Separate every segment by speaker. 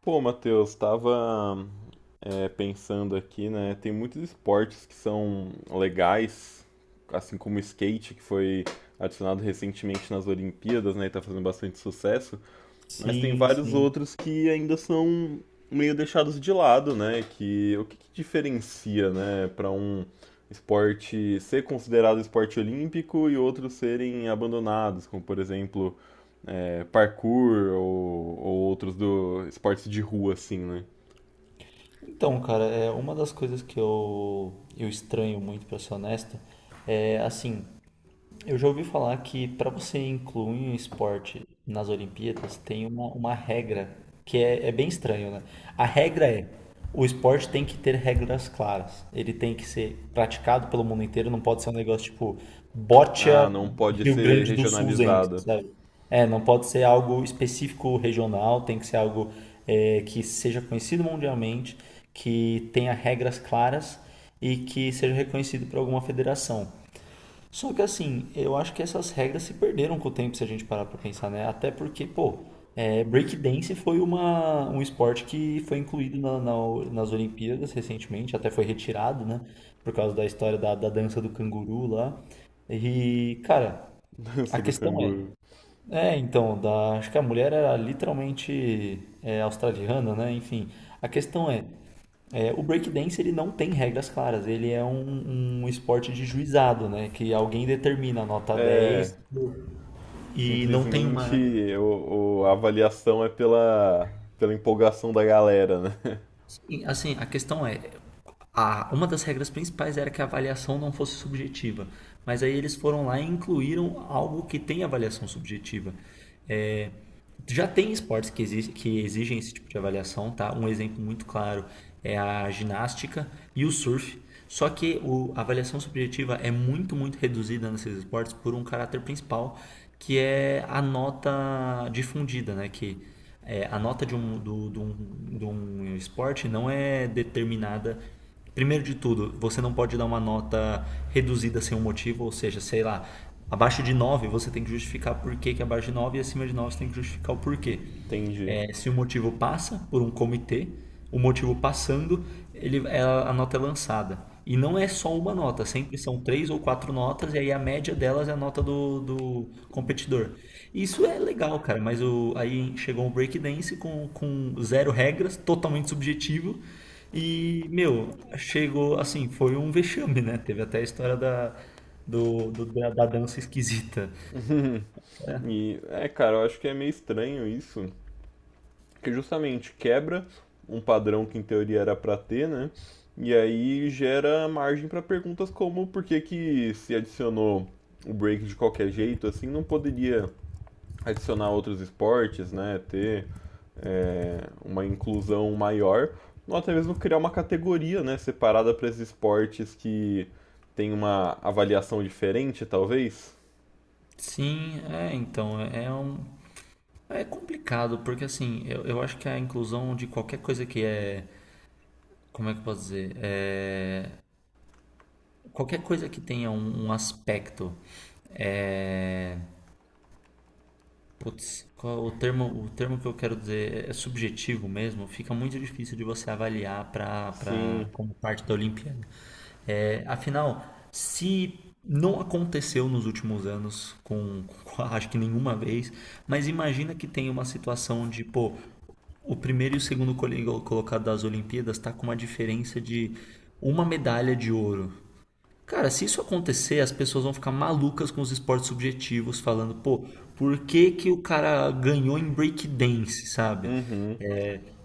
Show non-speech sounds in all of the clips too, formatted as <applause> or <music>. Speaker 1: Pô, Matheus, estava pensando aqui, né? Tem muitos esportes que são legais, assim como o skate, que foi adicionado recentemente nas Olimpíadas, né? E tá fazendo bastante sucesso. Mas tem
Speaker 2: Sim,
Speaker 1: vários
Speaker 2: sim.
Speaker 1: outros que ainda são meio deixados de lado, né? Que, que diferencia, né, para um esporte ser considerado esporte olímpico e outros serem abandonados, como por exemplo é, parkour ou outros do esportes de rua, assim, né?
Speaker 2: Então, cara, é uma das coisas que eu estranho muito, pra ser honesto, é assim, eu já ouvi falar que para você incluir um esporte nas Olimpíadas tem uma regra que é, é bem estranho, né? A regra é, o esporte tem que ter regras claras. Ele tem que ser praticado pelo mundo inteiro, não pode ser um negócio tipo Boccia
Speaker 1: Ah, não pode
Speaker 2: Rio
Speaker 1: ser
Speaker 2: Grande do Sulzense,
Speaker 1: regionalizada.
Speaker 2: sabe? Não pode ser algo específico regional, tem que ser algo que seja conhecido mundialmente, que tenha regras claras e que seja reconhecido por alguma federação. Só que assim, eu acho que essas regras se perderam com o tempo se a gente parar pra pensar, né? Até porque, pô, breakdance foi um esporte que foi incluído nas Olimpíadas recentemente, até foi retirado, né? Por causa da história da dança do canguru lá. E, cara,
Speaker 1: <laughs>
Speaker 2: a
Speaker 1: Dança do
Speaker 2: questão é.
Speaker 1: canguru.
Speaker 2: É, então, da, acho que a mulher era literalmente australiana, né? Enfim, a questão é. É, o breakdance ele não tem regras claras, ele é um esporte de juizado, né? Que alguém determina a nota 10
Speaker 1: É,
Speaker 2: e não tem uma.
Speaker 1: simplesmente a avaliação é pela empolgação da galera, né?
Speaker 2: Sim, assim, a questão é, uma das regras principais era que a avaliação não fosse subjetiva, mas aí eles foram lá e incluíram algo que tem avaliação subjetiva. É, já tem esportes que, que exigem esse tipo de avaliação, tá? Um exemplo muito claro é a ginástica e o surf. Só que a avaliação subjetiva é muito, muito reduzida nesses esportes por um caráter principal, que é a nota difundida, né? Que é, a nota de de um esporte não é determinada. Primeiro de tudo, você não pode dar uma nota reduzida sem um motivo, ou seja, sei lá, abaixo de 9 você tem que justificar por que que é abaixo de 9 e acima de 9 você tem que justificar o porquê.
Speaker 1: <laughs> Entendi.
Speaker 2: É, se o motivo passa por um comitê, o motivo passando, ele, a nota é lançada. E não é só uma nota, sempre são três ou quatro notas, e aí a média delas é a nota do competidor. Isso é legal, cara, mas o, aí chegou o breakdance com zero regras, totalmente subjetivo, e, meu, chegou assim, foi um vexame, né? Teve até a história da, do, do- da, da dança esquisita.
Speaker 1: <laughs>
Speaker 2: É,
Speaker 1: E é, cara, eu acho que é meio estranho isso, porque justamente quebra um padrão que em teoria era pra ter, né? E aí gera margem pra perguntas como por que que se adicionou o break de qualquer jeito, assim, não poderia adicionar outros esportes, né? Ter é, uma inclusão maior, ou até mesmo criar uma categoria, né, separada para esses esportes que tem uma avaliação diferente, talvez?
Speaker 2: É um. É complicado, porque assim, eu acho que a inclusão de qualquer coisa que é. Como é que eu posso dizer? É, qualquer coisa que tenha um aspecto. É, putz, qual o termo que eu quero dizer é subjetivo mesmo, fica muito difícil de você avaliar
Speaker 1: Sim.
Speaker 2: como parte da Olimpíada. É, afinal, se não aconteceu nos últimos anos acho que nenhuma vez, mas imagina que tem uma situação de, pô, o primeiro e o segundo colocado das Olimpíadas tá com uma diferença de uma medalha de ouro. Cara, se isso acontecer, as pessoas vão ficar malucas com os esportes subjetivos, falando, pô, por que que o cara ganhou em breakdance, sabe?
Speaker 1: Uhum.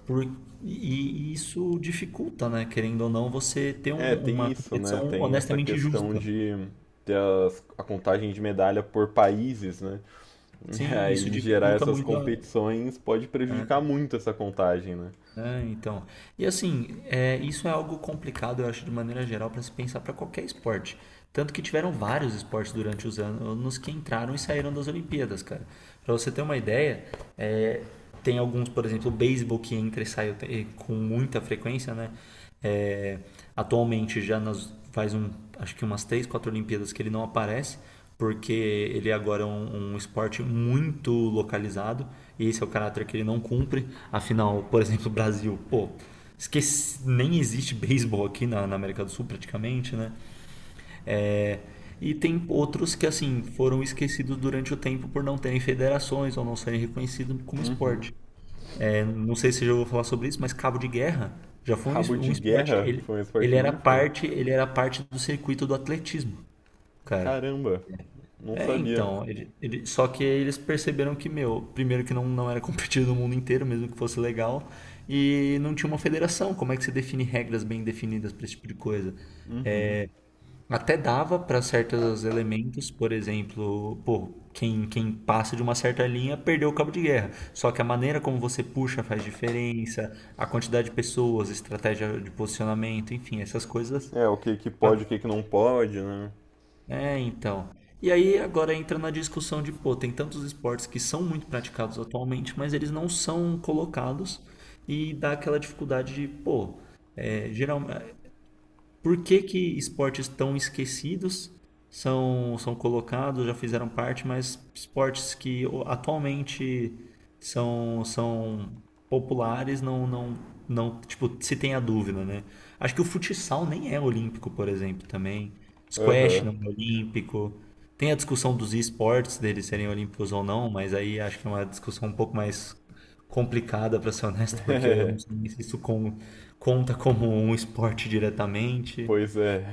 Speaker 2: Por- e isso dificulta, né? Querendo ou não, você ter
Speaker 1: É, tem
Speaker 2: uma
Speaker 1: isso, né?
Speaker 2: competição
Speaker 1: Tem essa
Speaker 2: honestamente
Speaker 1: questão
Speaker 2: justa.
Speaker 1: de ter a contagem de medalha por países, né? <laughs> E
Speaker 2: Sim, isso
Speaker 1: aí gerar
Speaker 2: dificulta
Speaker 1: essas
Speaker 2: muito a,
Speaker 1: competições pode prejudicar muito essa contagem, né?
Speaker 2: é, então. E assim, é, isso é algo complicado, eu acho, de maneira geral, para se pensar para qualquer esporte. Tanto que tiveram vários esportes durante os anos que entraram e saíram das Olimpíadas, cara. Para você ter uma ideia, é, tem alguns, por exemplo, o beisebol que entra e sai com muita frequência, né? É, atualmente já nas, faz um, acho que umas três, quatro Olimpíadas que ele não aparece porque ele agora é um esporte muito localizado e esse é o caráter que ele não cumpre. Afinal, por exemplo, o Brasil, pô, esqueci, nem existe beisebol aqui na, na América do Sul praticamente, né? E tem outros que, assim, foram esquecidos durante o tempo por não terem federações ou não serem reconhecidos como
Speaker 1: Uhum.
Speaker 2: esporte. É, não sei se eu já vou falar sobre isso, mas cabo de guerra já foi
Speaker 1: Cabo
Speaker 2: um
Speaker 1: de
Speaker 2: esporte.
Speaker 1: guerra
Speaker 2: Ele,
Speaker 1: foi um esporte olímpico?
Speaker 2: ele era parte do circuito do atletismo, cara.
Speaker 1: Caramba, não
Speaker 2: É,
Speaker 1: sabia.
Speaker 2: então, só que eles perceberam que, meu, primeiro que não era <laughs> competido no mundo inteiro, mesmo que fosse legal, e não tinha uma federação. Como é que você define regras bem definidas para esse tipo de coisa? Até dava para certos elementos, por exemplo, pô, quem passa de uma certa linha perdeu o cabo de guerra. Só que a maneira como você puxa faz diferença, a quantidade de pessoas, estratégia de posicionamento, enfim, essas coisas.
Speaker 1: É, o que que pode, o que que não pode, né?
Speaker 2: É, então. E aí agora entra na discussão de, pô, tem tantos esportes que são muito praticados atualmente, mas eles não são colocados e dá aquela dificuldade de, pô, é, geral, por que que esportes tão esquecidos são colocados, já fizeram parte, mas esportes que atualmente são populares não, não, não, tipo, se tem a dúvida, né? Acho que o futsal nem é olímpico, por exemplo, também. Squash
Speaker 1: Aham,
Speaker 2: não é olímpico. Tem a discussão dos esportes, deles serem olímpicos ou não, mas aí acho que é uma discussão um pouco mais complicada, para ser honesto, porque eu não sei nem se isso conta como um esporte diretamente,
Speaker 1: pois é.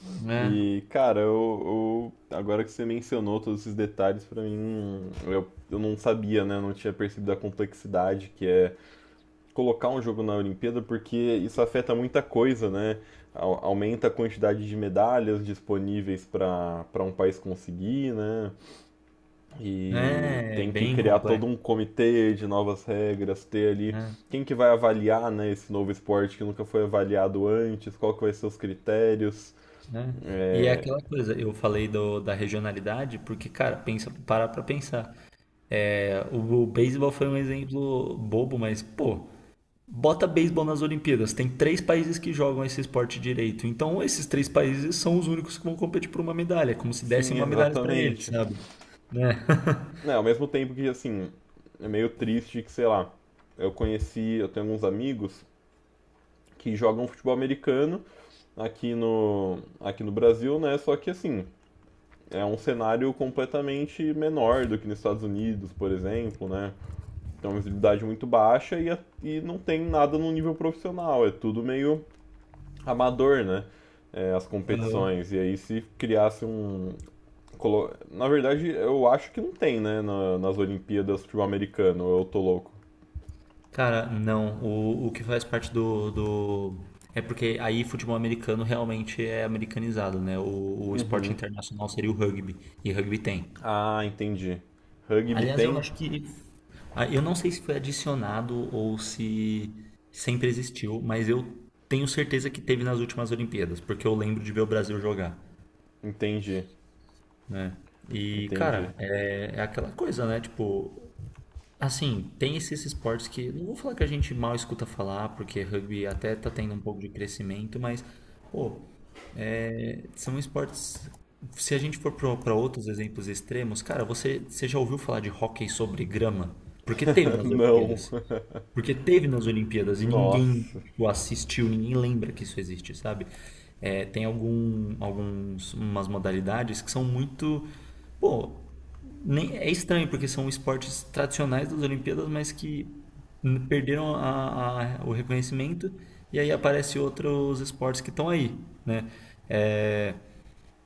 Speaker 2: né?
Speaker 1: E, cara, agora que você mencionou todos esses detalhes, pra mim, eu não sabia, né? Eu não tinha percebido a complexidade que é colocar um jogo na Olimpíada, porque isso afeta muita coisa, né? Aumenta a quantidade de medalhas disponíveis para para um país conseguir, né? E
Speaker 2: É é
Speaker 1: tem que
Speaker 2: bem
Speaker 1: criar todo
Speaker 2: complexo,
Speaker 1: um comitê de novas regras, ter ali
Speaker 2: né?
Speaker 1: quem que vai avaliar, né, esse novo esporte que nunca foi avaliado antes, qual que vai ser os critérios.
Speaker 2: né? E é
Speaker 1: É,
Speaker 2: aquela coisa, eu falei da regionalidade, porque, cara, pensa, para pra pensar. É, o beisebol foi um exemplo bobo, mas, pô, bota beisebol nas Olimpíadas. Tem três países que jogam esse esporte direito. Então, esses três países são os únicos que vão competir por uma medalha. É como se dessem
Speaker 1: sim,
Speaker 2: uma medalha pra eles,
Speaker 1: exatamente.
Speaker 2: sabe? Né?
Speaker 1: É, ao mesmo tempo que, assim, é meio triste que, sei lá, eu conheci, eu tenho alguns amigos que jogam futebol americano aqui no Brasil, né? Só que assim, é um cenário completamente menor do que nos Estados Unidos, por exemplo, né? Tem uma visibilidade muito baixa e não tem nada no nível profissional, é tudo meio amador, né? É, as competições.
Speaker 2: <laughs>
Speaker 1: E aí se criasse um. Na verdade, eu acho que não tem, né? Nas Olimpíadas futebol americano, eu tô louco.
Speaker 2: Cara, não. O que faz parte do. É porque aí futebol americano realmente é americanizado, né? O esporte
Speaker 1: Uhum.
Speaker 2: internacional seria o rugby. E rugby tem.
Speaker 1: Ah, entendi. Rugby
Speaker 2: Aliás, eu
Speaker 1: tem?
Speaker 2: acho que. Eu não sei se foi adicionado ou se sempre existiu, mas eu tenho certeza que teve nas últimas Olimpíadas, porque eu lembro de ver o Brasil jogar,
Speaker 1: Entendi.
Speaker 2: né? E,
Speaker 1: Entendi.
Speaker 2: cara, é, é aquela coisa, né? Tipo, assim, tem esses esportes que, não vou falar que a gente mal escuta falar, porque rugby até tá tendo um pouco de crescimento, mas, pô, são esportes. Se a gente for para outros exemplos extremos, cara, você já ouviu falar de hóquei sobre grama? Porque teve nas
Speaker 1: Não.
Speaker 2: Olimpíadas. Porque teve nas
Speaker 1: <laughs>
Speaker 2: Olimpíadas e ninguém
Speaker 1: Nossa.
Speaker 2: o assistiu, ninguém lembra que isso existe, sabe? É, tem alguns, umas modalidades que são muito. Pô, nem, é estranho, porque são esportes tradicionais das Olimpíadas, mas que perderam o reconhecimento e aí aparecem outros esportes que estão aí, né? É,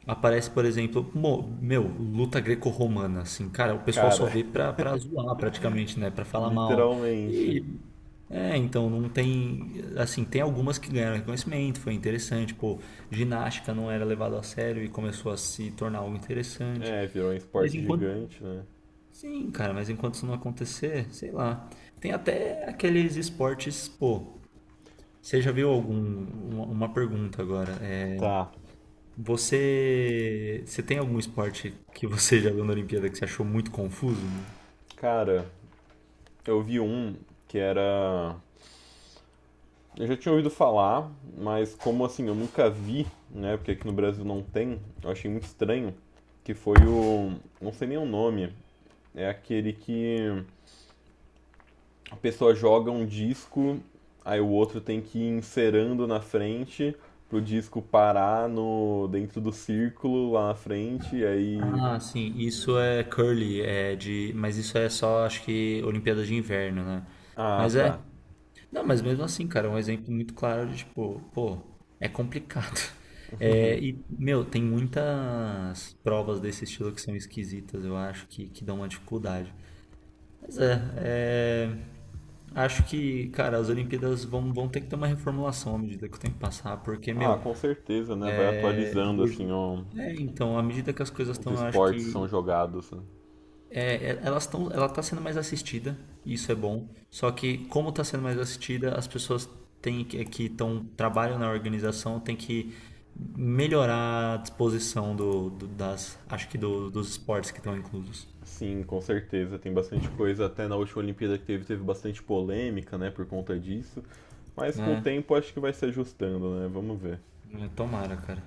Speaker 2: aparece, por exemplo, meu, luta greco-romana, assim, cara, o pessoal só
Speaker 1: Cara,
Speaker 2: vê pra, pra zoar praticamente, né? Pra falar mal.
Speaker 1: literalmente.
Speaker 2: E. É, então, não tem. Assim, tem algumas que ganharam reconhecimento, foi interessante, pô, ginástica não era levado a sério e começou a se tornar algo interessante.
Speaker 1: É, virou um
Speaker 2: Mas
Speaker 1: esporte
Speaker 2: enquanto.
Speaker 1: gigante, né?
Speaker 2: Sim, cara, mas enquanto isso não acontecer, sei lá. Tem até aqueles esportes, pô. Você já viu algum. Uma pergunta agora. É,
Speaker 1: Tá.
Speaker 2: você tem algum esporte que você já viu na Olimpíada que você achou muito confuso, mano?
Speaker 1: Cara, eu vi um que era. Eu já tinha ouvido falar, mas como assim, eu nunca vi, né? Porque aqui no Brasil não tem, eu achei muito estranho. Que foi o. Não sei nem o nome. É aquele que a pessoa joga um disco, aí o outro tem que ir inserando na frente pro disco parar no dentro do círculo lá na frente, e aí.
Speaker 2: Ah, sim, isso é curly, é de, mas isso é só, acho que Olimpíadas de Inverno, né?
Speaker 1: Ah,
Speaker 2: Mas é,
Speaker 1: tá.
Speaker 2: não, mas mesmo assim, cara, é um exemplo muito claro de tipo, pô, é complicado. <laughs> É, e meu, tem muitas provas desse estilo que são esquisitas, eu acho que dão uma dificuldade. Pois é, é, acho que, cara, as Olimpíadas vão ter que ter uma reformulação à medida que o tempo passar, porque,
Speaker 1: Ah,
Speaker 2: meu,
Speaker 1: com certeza, né? Vai
Speaker 2: é,
Speaker 1: atualizando assim
Speaker 2: do-
Speaker 1: ó,
Speaker 2: é, então, à medida que as coisas
Speaker 1: os
Speaker 2: estão, eu acho
Speaker 1: esportes que são
Speaker 2: que
Speaker 1: jogados, né?
Speaker 2: elas estão, ela está sendo mais assistida, e isso é bom. Só que como está sendo mais assistida, as pessoas têm que trabalham na organização têm que melhorar a disposição das, acho que dos esportes que estão inclusos,
Speaker 1: Sim, com certeza. Tem bastante coisa. Até na última Olimpíada que teve, teve bastante polêmica, né, por conta disso. Mas com o
Speaker 2: né?
Speaker 1: tempo acho que vai se ajustando, né? Vamos ver.
Speaker 2: É, tomara, cara.